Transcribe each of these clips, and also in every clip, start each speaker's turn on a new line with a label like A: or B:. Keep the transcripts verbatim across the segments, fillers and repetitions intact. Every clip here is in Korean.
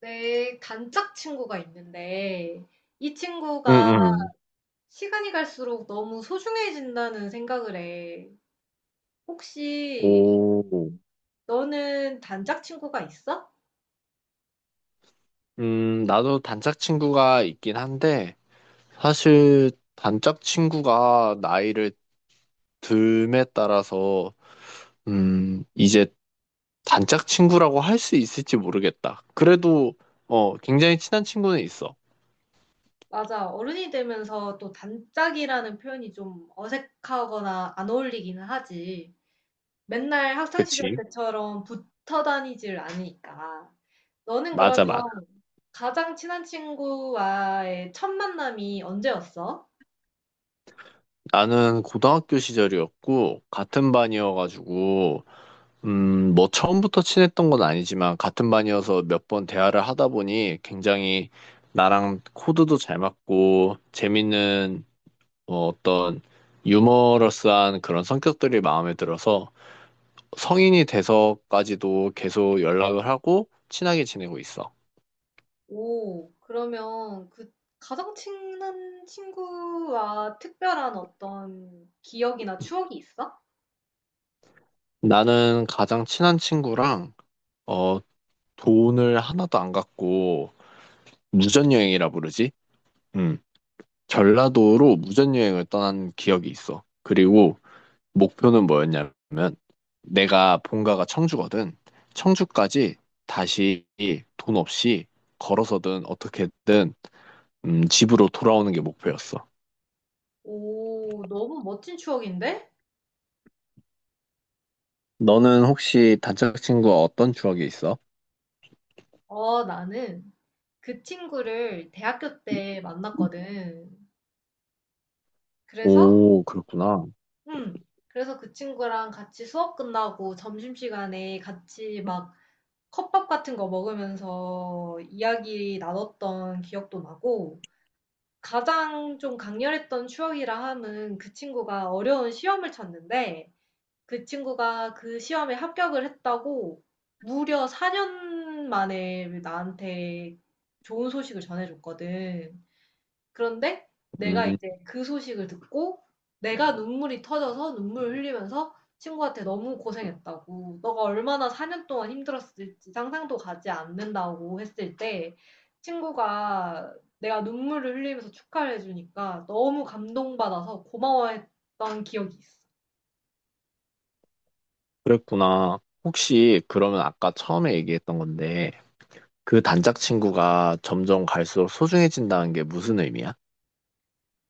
A: 내 단짝 친구가 있는데 이
B: 응,
A: 친구가
B: 응.
A: 시간이 갈수록 너무 소중해진다는 생각을 해. 혹시
B: 오.
A: 너는 단짝 친구가 있어?
B: 음, 나도 단짝 친구가 있긴 한데, 사실 단짝 친구가 나이를 듦에 따라서, 음, 이제 단짝 친구라고 할 수 있을지 모르겠다. 그래도, 어, 굉장히 친한 친구는 있어.
A: 맞아. 어른이 되면서 또 단짝이라는 표현이 좀 어색하거나 안 어울리기는 하지. 맨날 학창 시절
B: 그치?
A: 때처럼 붙어 다니질 않으니까. 너는 그러면
B: 맞아, 맞아.
A: 가장 친한 친구와의 첫 만남이 언제였어?
B: 나는 고등학교 시절이었고, 같은 반이어가지고, 음, 뭐 처음부터 친했던 건 아니지만 같은 반이어서 몇 번 대화를 하다 보니 굉장히 나랑 코드도 잘 맞고 재밌는 어, 어떤 유머러스한 그런 성격들이 마음에 들어서 성인이 돼서까지도 계속 연락을 하고 친하게 지내고 있어.
A: 오. 그러면 그 가장 친한 친구와 특별한 어떤 기억이나 추억이 있어?
B: 나는 가장 친한 친구랑 어, 돈을 하나도 안 갖고 무전여행이라 부르지? 음, 전라도로 무전여행을 떠난 기억이 있어. 그리고 목표는 뭐였냐면 내가 본가가 청주거든. 청주까지 다시 돈 없이 걸어서든 어떻게든 음, 집으로 돌아오는 게 목표였어.
A: 오, 너무 멋진 추억인데?
B: 너는 혹시 단짝 친구와 어떤 추억이 있어?
A: 어, 나는 그 친구를 대학교 때 만났거든. 그래서,
B: 오, 그렇구나.
A: 음, 그래서 그 친구랑 같이 수업 끝나고 점심시간에 같이 막 컵밥 같은 거 먹으면서 이야기 나눴던 기억도 나고, 가장 좀 강렬했던 추억이라 함은 그 친구가 어려운 시험을 쳤는데 그 친구가 그 시험에 합격을 했다고 무려 사 년 만에 나한테 좋은 소식을 전해줬거든. 그런데 내가
B: 음,
A: 이제 그 소식을 듣고 내가 눈물이 터져서 눈물 흘리면서 친구한테 너무 고생했다고, 너가 얼마나 사 년 동안 힘들었을지 상상도 가지 않는다고 했을 때 친구가, 내가 눈물을 흘리면서 축하를 해주니까 너무 감동받아서 고마워했던 기억이 있어.
B: 그랬구나. 혹시 그러면 아까 처음에 얘기했던 건데 그 단짝 친구가 점점 갈수록 소중해진다는 게 무슨 의미야?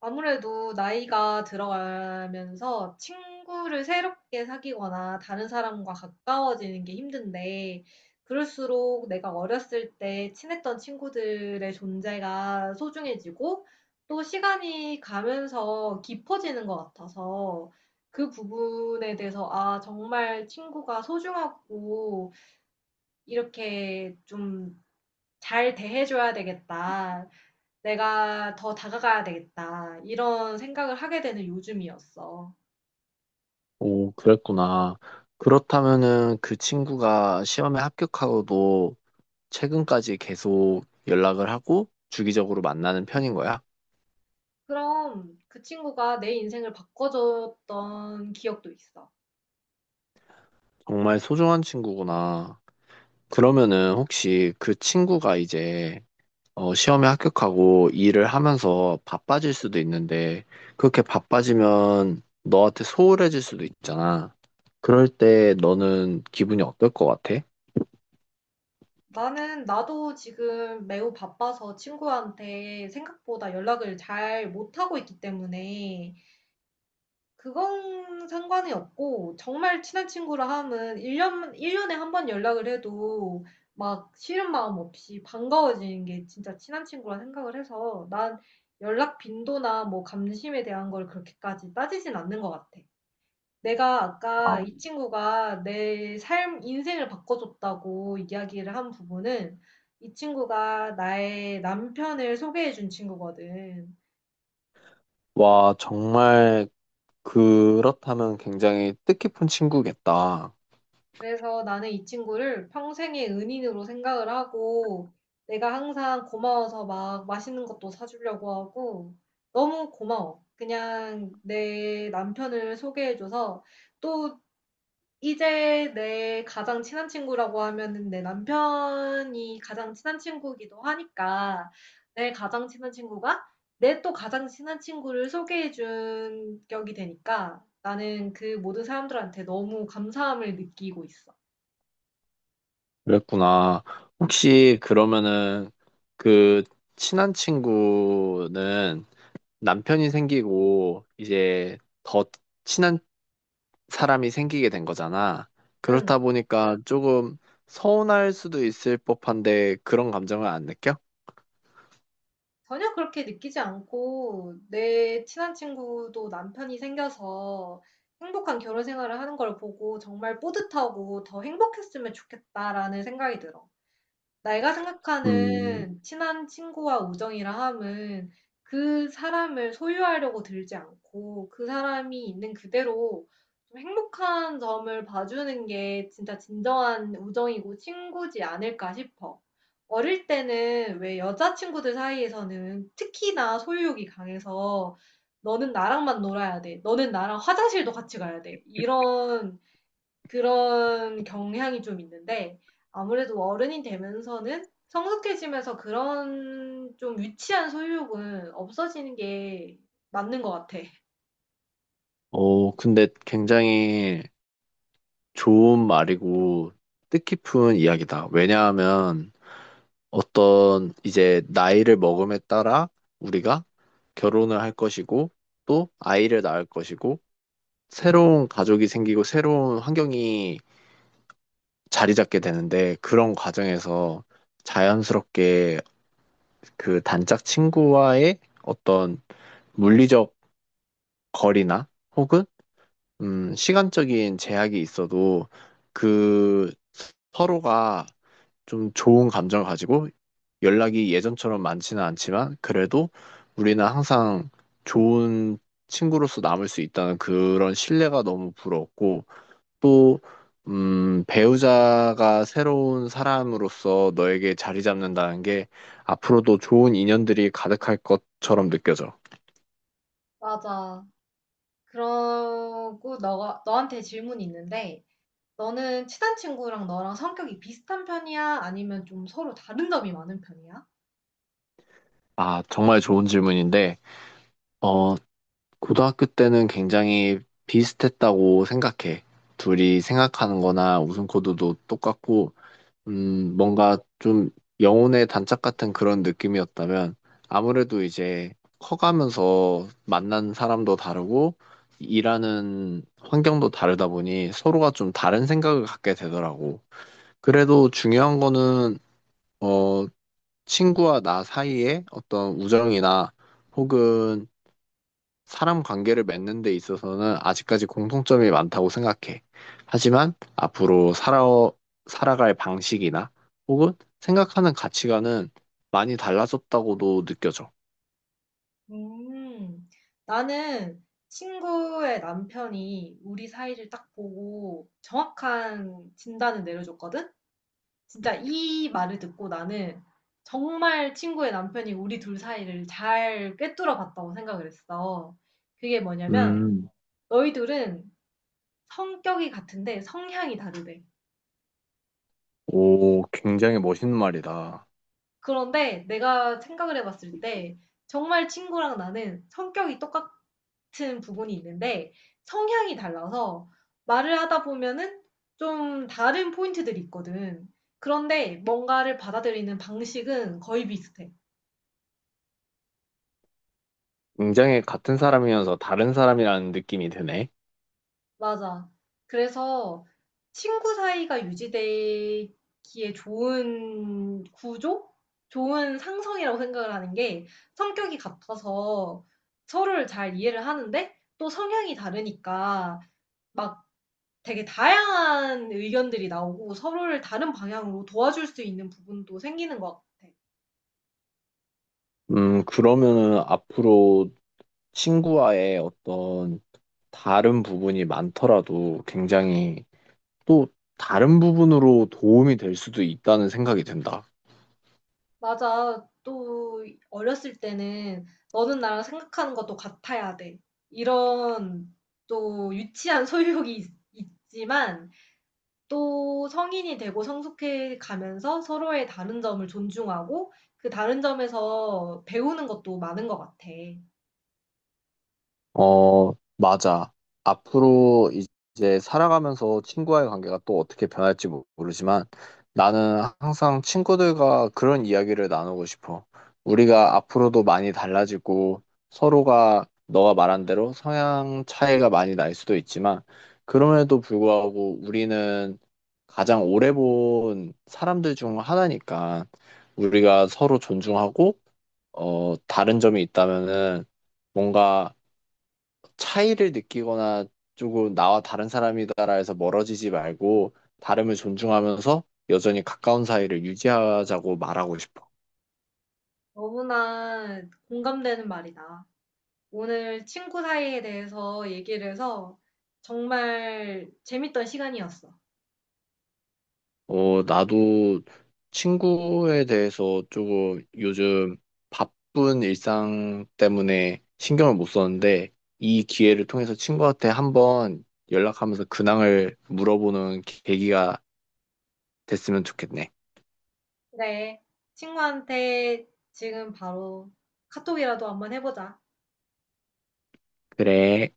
A: 아무래도 나이가 들어가면서 친구를 새롭게 사귀거나 다른 사람과 가까워지는 게 힘든데, 그럴수록 내가 어렸을 때 친했던 친구들의 존재가 소중해지고, 또 시간이 가면서 깊어지는 것 같아서, 그 부분에 대해서, 아, 정말 친구가 소중하고, 이렇게 좀 잘 대해줘야 되겠다. '내가 더 다가가야 되겠다.' 이런 생각을 하게 되는 요즘이었어.
B: 오, 그랬구나. 그렇다면은 그 친구가 시험에 합격하고도 최근까지 계속 연락을 하고 주기적으로 만나는 편인 거야?
A: 그럼 그 친구가 내 인생을 바꿔 줬던 기억도 있어.
B: 정말 소중한 친구구나. 그러면은 혹시 그 친구가 이제 어, 시험에 합격하고 일을 하면서 바빠질 수도 있는데 그렇게 바빠지면 너한테 소홀해질 수도 있잖아. 그럴 때 너는 기분이 어떨 것 같아?
A: 나는 나도 지금 매우 바빠서 친구한테 생각보다 연락을 잘 못하고 있기 때문에 그건 상관이 없고, 정말 친한 친구라 함은 일 년, 일년에 한번 연락을 해도 막 싫은 마음 없이 반가워지는 게 진짜 친한 친구라 생각을 해서, 난 연락 빈도나 뭐 감심에 대한 걸 그렇게까지 따지진 않는 것 같아. 내가 아까 이 친구가 내 삶, 인생을 바꿔줬다고 이야기를 한 부분은 이 친구가 나의 남편을 소개해준 친구거든.
B: 와, 정말 그렇다면 굉장히 뜻깊은 친구겠다.
A: 그래서 나는 이 친구를 평생의 은인으로 생각을 하고 내가 항상 고마워서 막 맛있는 것도 사주려고 하고. 너무 고마워. 그냥 내 남편을 소개해줘서. 또 이제 내 가장 친한 친구라고 하면은 내 남편이 가장 친한 친구이기도 하니까, 내 가장 친한 친구가 내 또 가장 친한 친구를 소개해준 격이 되니까 나는 그 모든 사람들한테 너무 감사함을 느끼고 있어.
B: 그랬구나. 혹시 그러면은 그 친한 친구는 남편이 생기고 이제 더 친한 사람이 생기게 된 거잖아.
A: 응.
B: 그렇다 보니까 조금 서운할 수도 있을 법한데 그런 감정을 안 느껴?
A: 전혀 그렇게 느끼지 않고, 내 친한 친구도 남편이 생겨서 행복한 결혼 생활을 하는 걸 보고 정말 뿌듯하고 더 행복했으면 좋겠다라는 생각이 들어. 내가
B: 음,
A: 생각하는 친한 친구와 우정이라 함은 그 사람을 소유하려고 들지 않고 그 사람이 있는 그대로 좀 행복한 점을 봐주는 게 진짜 진정한 우정이고 친구지 않을까 싶어. 어릴 때는 왜 여자친구들 사이에서는 특히나 소유욕이 강해서 너는 나랑만 놀아야 돼. 너는 나랑 화장실도 같이 가야 돼. 이런 그런 경향이 좀 있는데, 아무래도 어른이 되면서는 성숙해지면서 그런 좀 유치한 소유욕은 없어지는 게 맞는 것 같아.
B: 어, 근데 굉장히 좋은 말이고 뜻깊은 이야기다. 왜냐하면 어떤 이제 나이를 먹음에 따라 우리가 결혼을 할 것이고 또 아이를 낳을 것이고 새로운 가족이 생기고 새로운 환경이 자리 잡게 되는데 그런 과정에서 자연스럽게 그 단짝 친구와의 어떤 물리적 거리나 혹은 음, 시간적인 제약이 있어도 그 서로가 좀 좋은 감정을 가지고 연락이 예전처럼 많지는 않지만 그래도 우리는 항상 좋은 친구로서 남을 수 있다는 그런 신뢰가 너무 부러웠고 또 음, 배우자가 새로운 사람으로서 너에게 자리 잡는다는 게 앞으로도 좋은 인연들이 가득할 것처럼 느껴져.
A: 맞아. 그러고 너가 너한테 질문이 있는데, 너는 친한 친구랑 너랑 성격이 비슷한 편이야? 아니면 좀 서로 다른 점이 많은 편이야?
B: 아, 정말 좋은 질문인데, 어, 고등학교 때는 굉장히 비슷했다고 생각해. 둘이 생각하는 거나 웃음 코드도 똑같고, 음, 뭔가 좀 영혼의 단짝 같은 그런 느낌이었다면 아무래도 이제 커가면서 만난 사람도 다르고 일하는 환경도 다르다 보니 서로가 좀 다른 생각을 갖게 되더라고. 그래도 중요한 거는 어, 친구와 나 사이에 어떤 우정이나 혹은 사람 관계를 맺는 데 있어서는 아직까지 공통점이 많다고 생각해. 하지만 앞으로 살아, 살아갈 방식이나 혹은 생각하는 가치관은 많이 달라졌다고도 느껴져.
A: 음, 나는 친구의 남편이 우리 사이를 딱 보고 정확한 진단을 내려줬거든? 진짜 이 말을 듣고 나는 정말 친구의 남편이 우리 둘 사이를 잘 꿰뚫어 봤다고 생각을 했어. 그게 뭐냐면,
B: 음,
A: 너희 둘은 성격이 같은데 성향이 다르대.
B: 오, 굉장히 멋있는 말이다.
A: 그런데 내가 생각을 해봤을 때 정말 친구랑 나는 성격이 똑같은 부분이 있는데 성향이 달라서 말을 하다 보면은 좀 다른 포인트들이 있거든. 그런데 뭔가를 받아들이는 방식은 거의 비슷해.
B: 굉장히 같은 사람이면서 다른 사람이라는 느낌이 드네.
A: 맞아. 그래서 친구 사이가 유지되기에 좋은 구조? 좋은 상성이라고 생각을 하는 게, 성격이 같아서 서로를 잘 이해를 하는데 또 성향이 다르니까 막 되게 다양한 의견들이 나오고 서로를 다른 방향으로 도와줄 수 있는 부분도 생기는 것 같아.
B: 음, 그러면은 앞으로 친구와의 어떤 다른 부분이 많더라도 굉장히 또 다른 부분으로 도움이 될 수도 있다는 생각이 든다.
A: 맞아. 또 어렸을 때는 너는 나랑 생각하는 것도 같아야 돼. 이런 또 유치한 소유욕이 있, 있지만 또 성인이 되고 성숙해 가면서 서로의 다른 점을 존중하고 그 다른 점에서 배우는 것도 많은 것 같아.
B: 어, 맞아. 앞으로 이제 살아가면서 친구와의 관계가 또 어떻게 변할지 모- 모르지만 나는 항상 친구들과 그런 이야기를 나누고 싶어. 우리가 앞으로도 많이 달라지고 서로가 너가 말한 대로 성향 차이가 많이 날 수도 있지만 그럼에도 불구하고 우리는 가장 오래 본 사람들 중 하나니까 우리가 서로 존중하고 어, 다른 점이 있다면은 뭔가 차이를 느끼거나 조금 나와 다른 사람이다라 해서 멀어지지 말고 다름을 존중하면서 여전히 가까운 사이를 유지하자고 말하고 싶어.
A: 너무나 공감되는 말이다. 오늘 친구 사이에 대해서 얘기를 해서 정말 재밌던 시간이었어.
B: 어, 나도 친구에 대해서 조금 요즘 바쁜 일상 때문에 신경을 못 썼는데 이 기회를 통해서 친구한테 한번 연락하면서 근황을 물어보는 계기가 됐으면 좋겠네.
A: 네. 친구한테 지금 바로 카톡이라도 한번 해 보자.
B: 그래.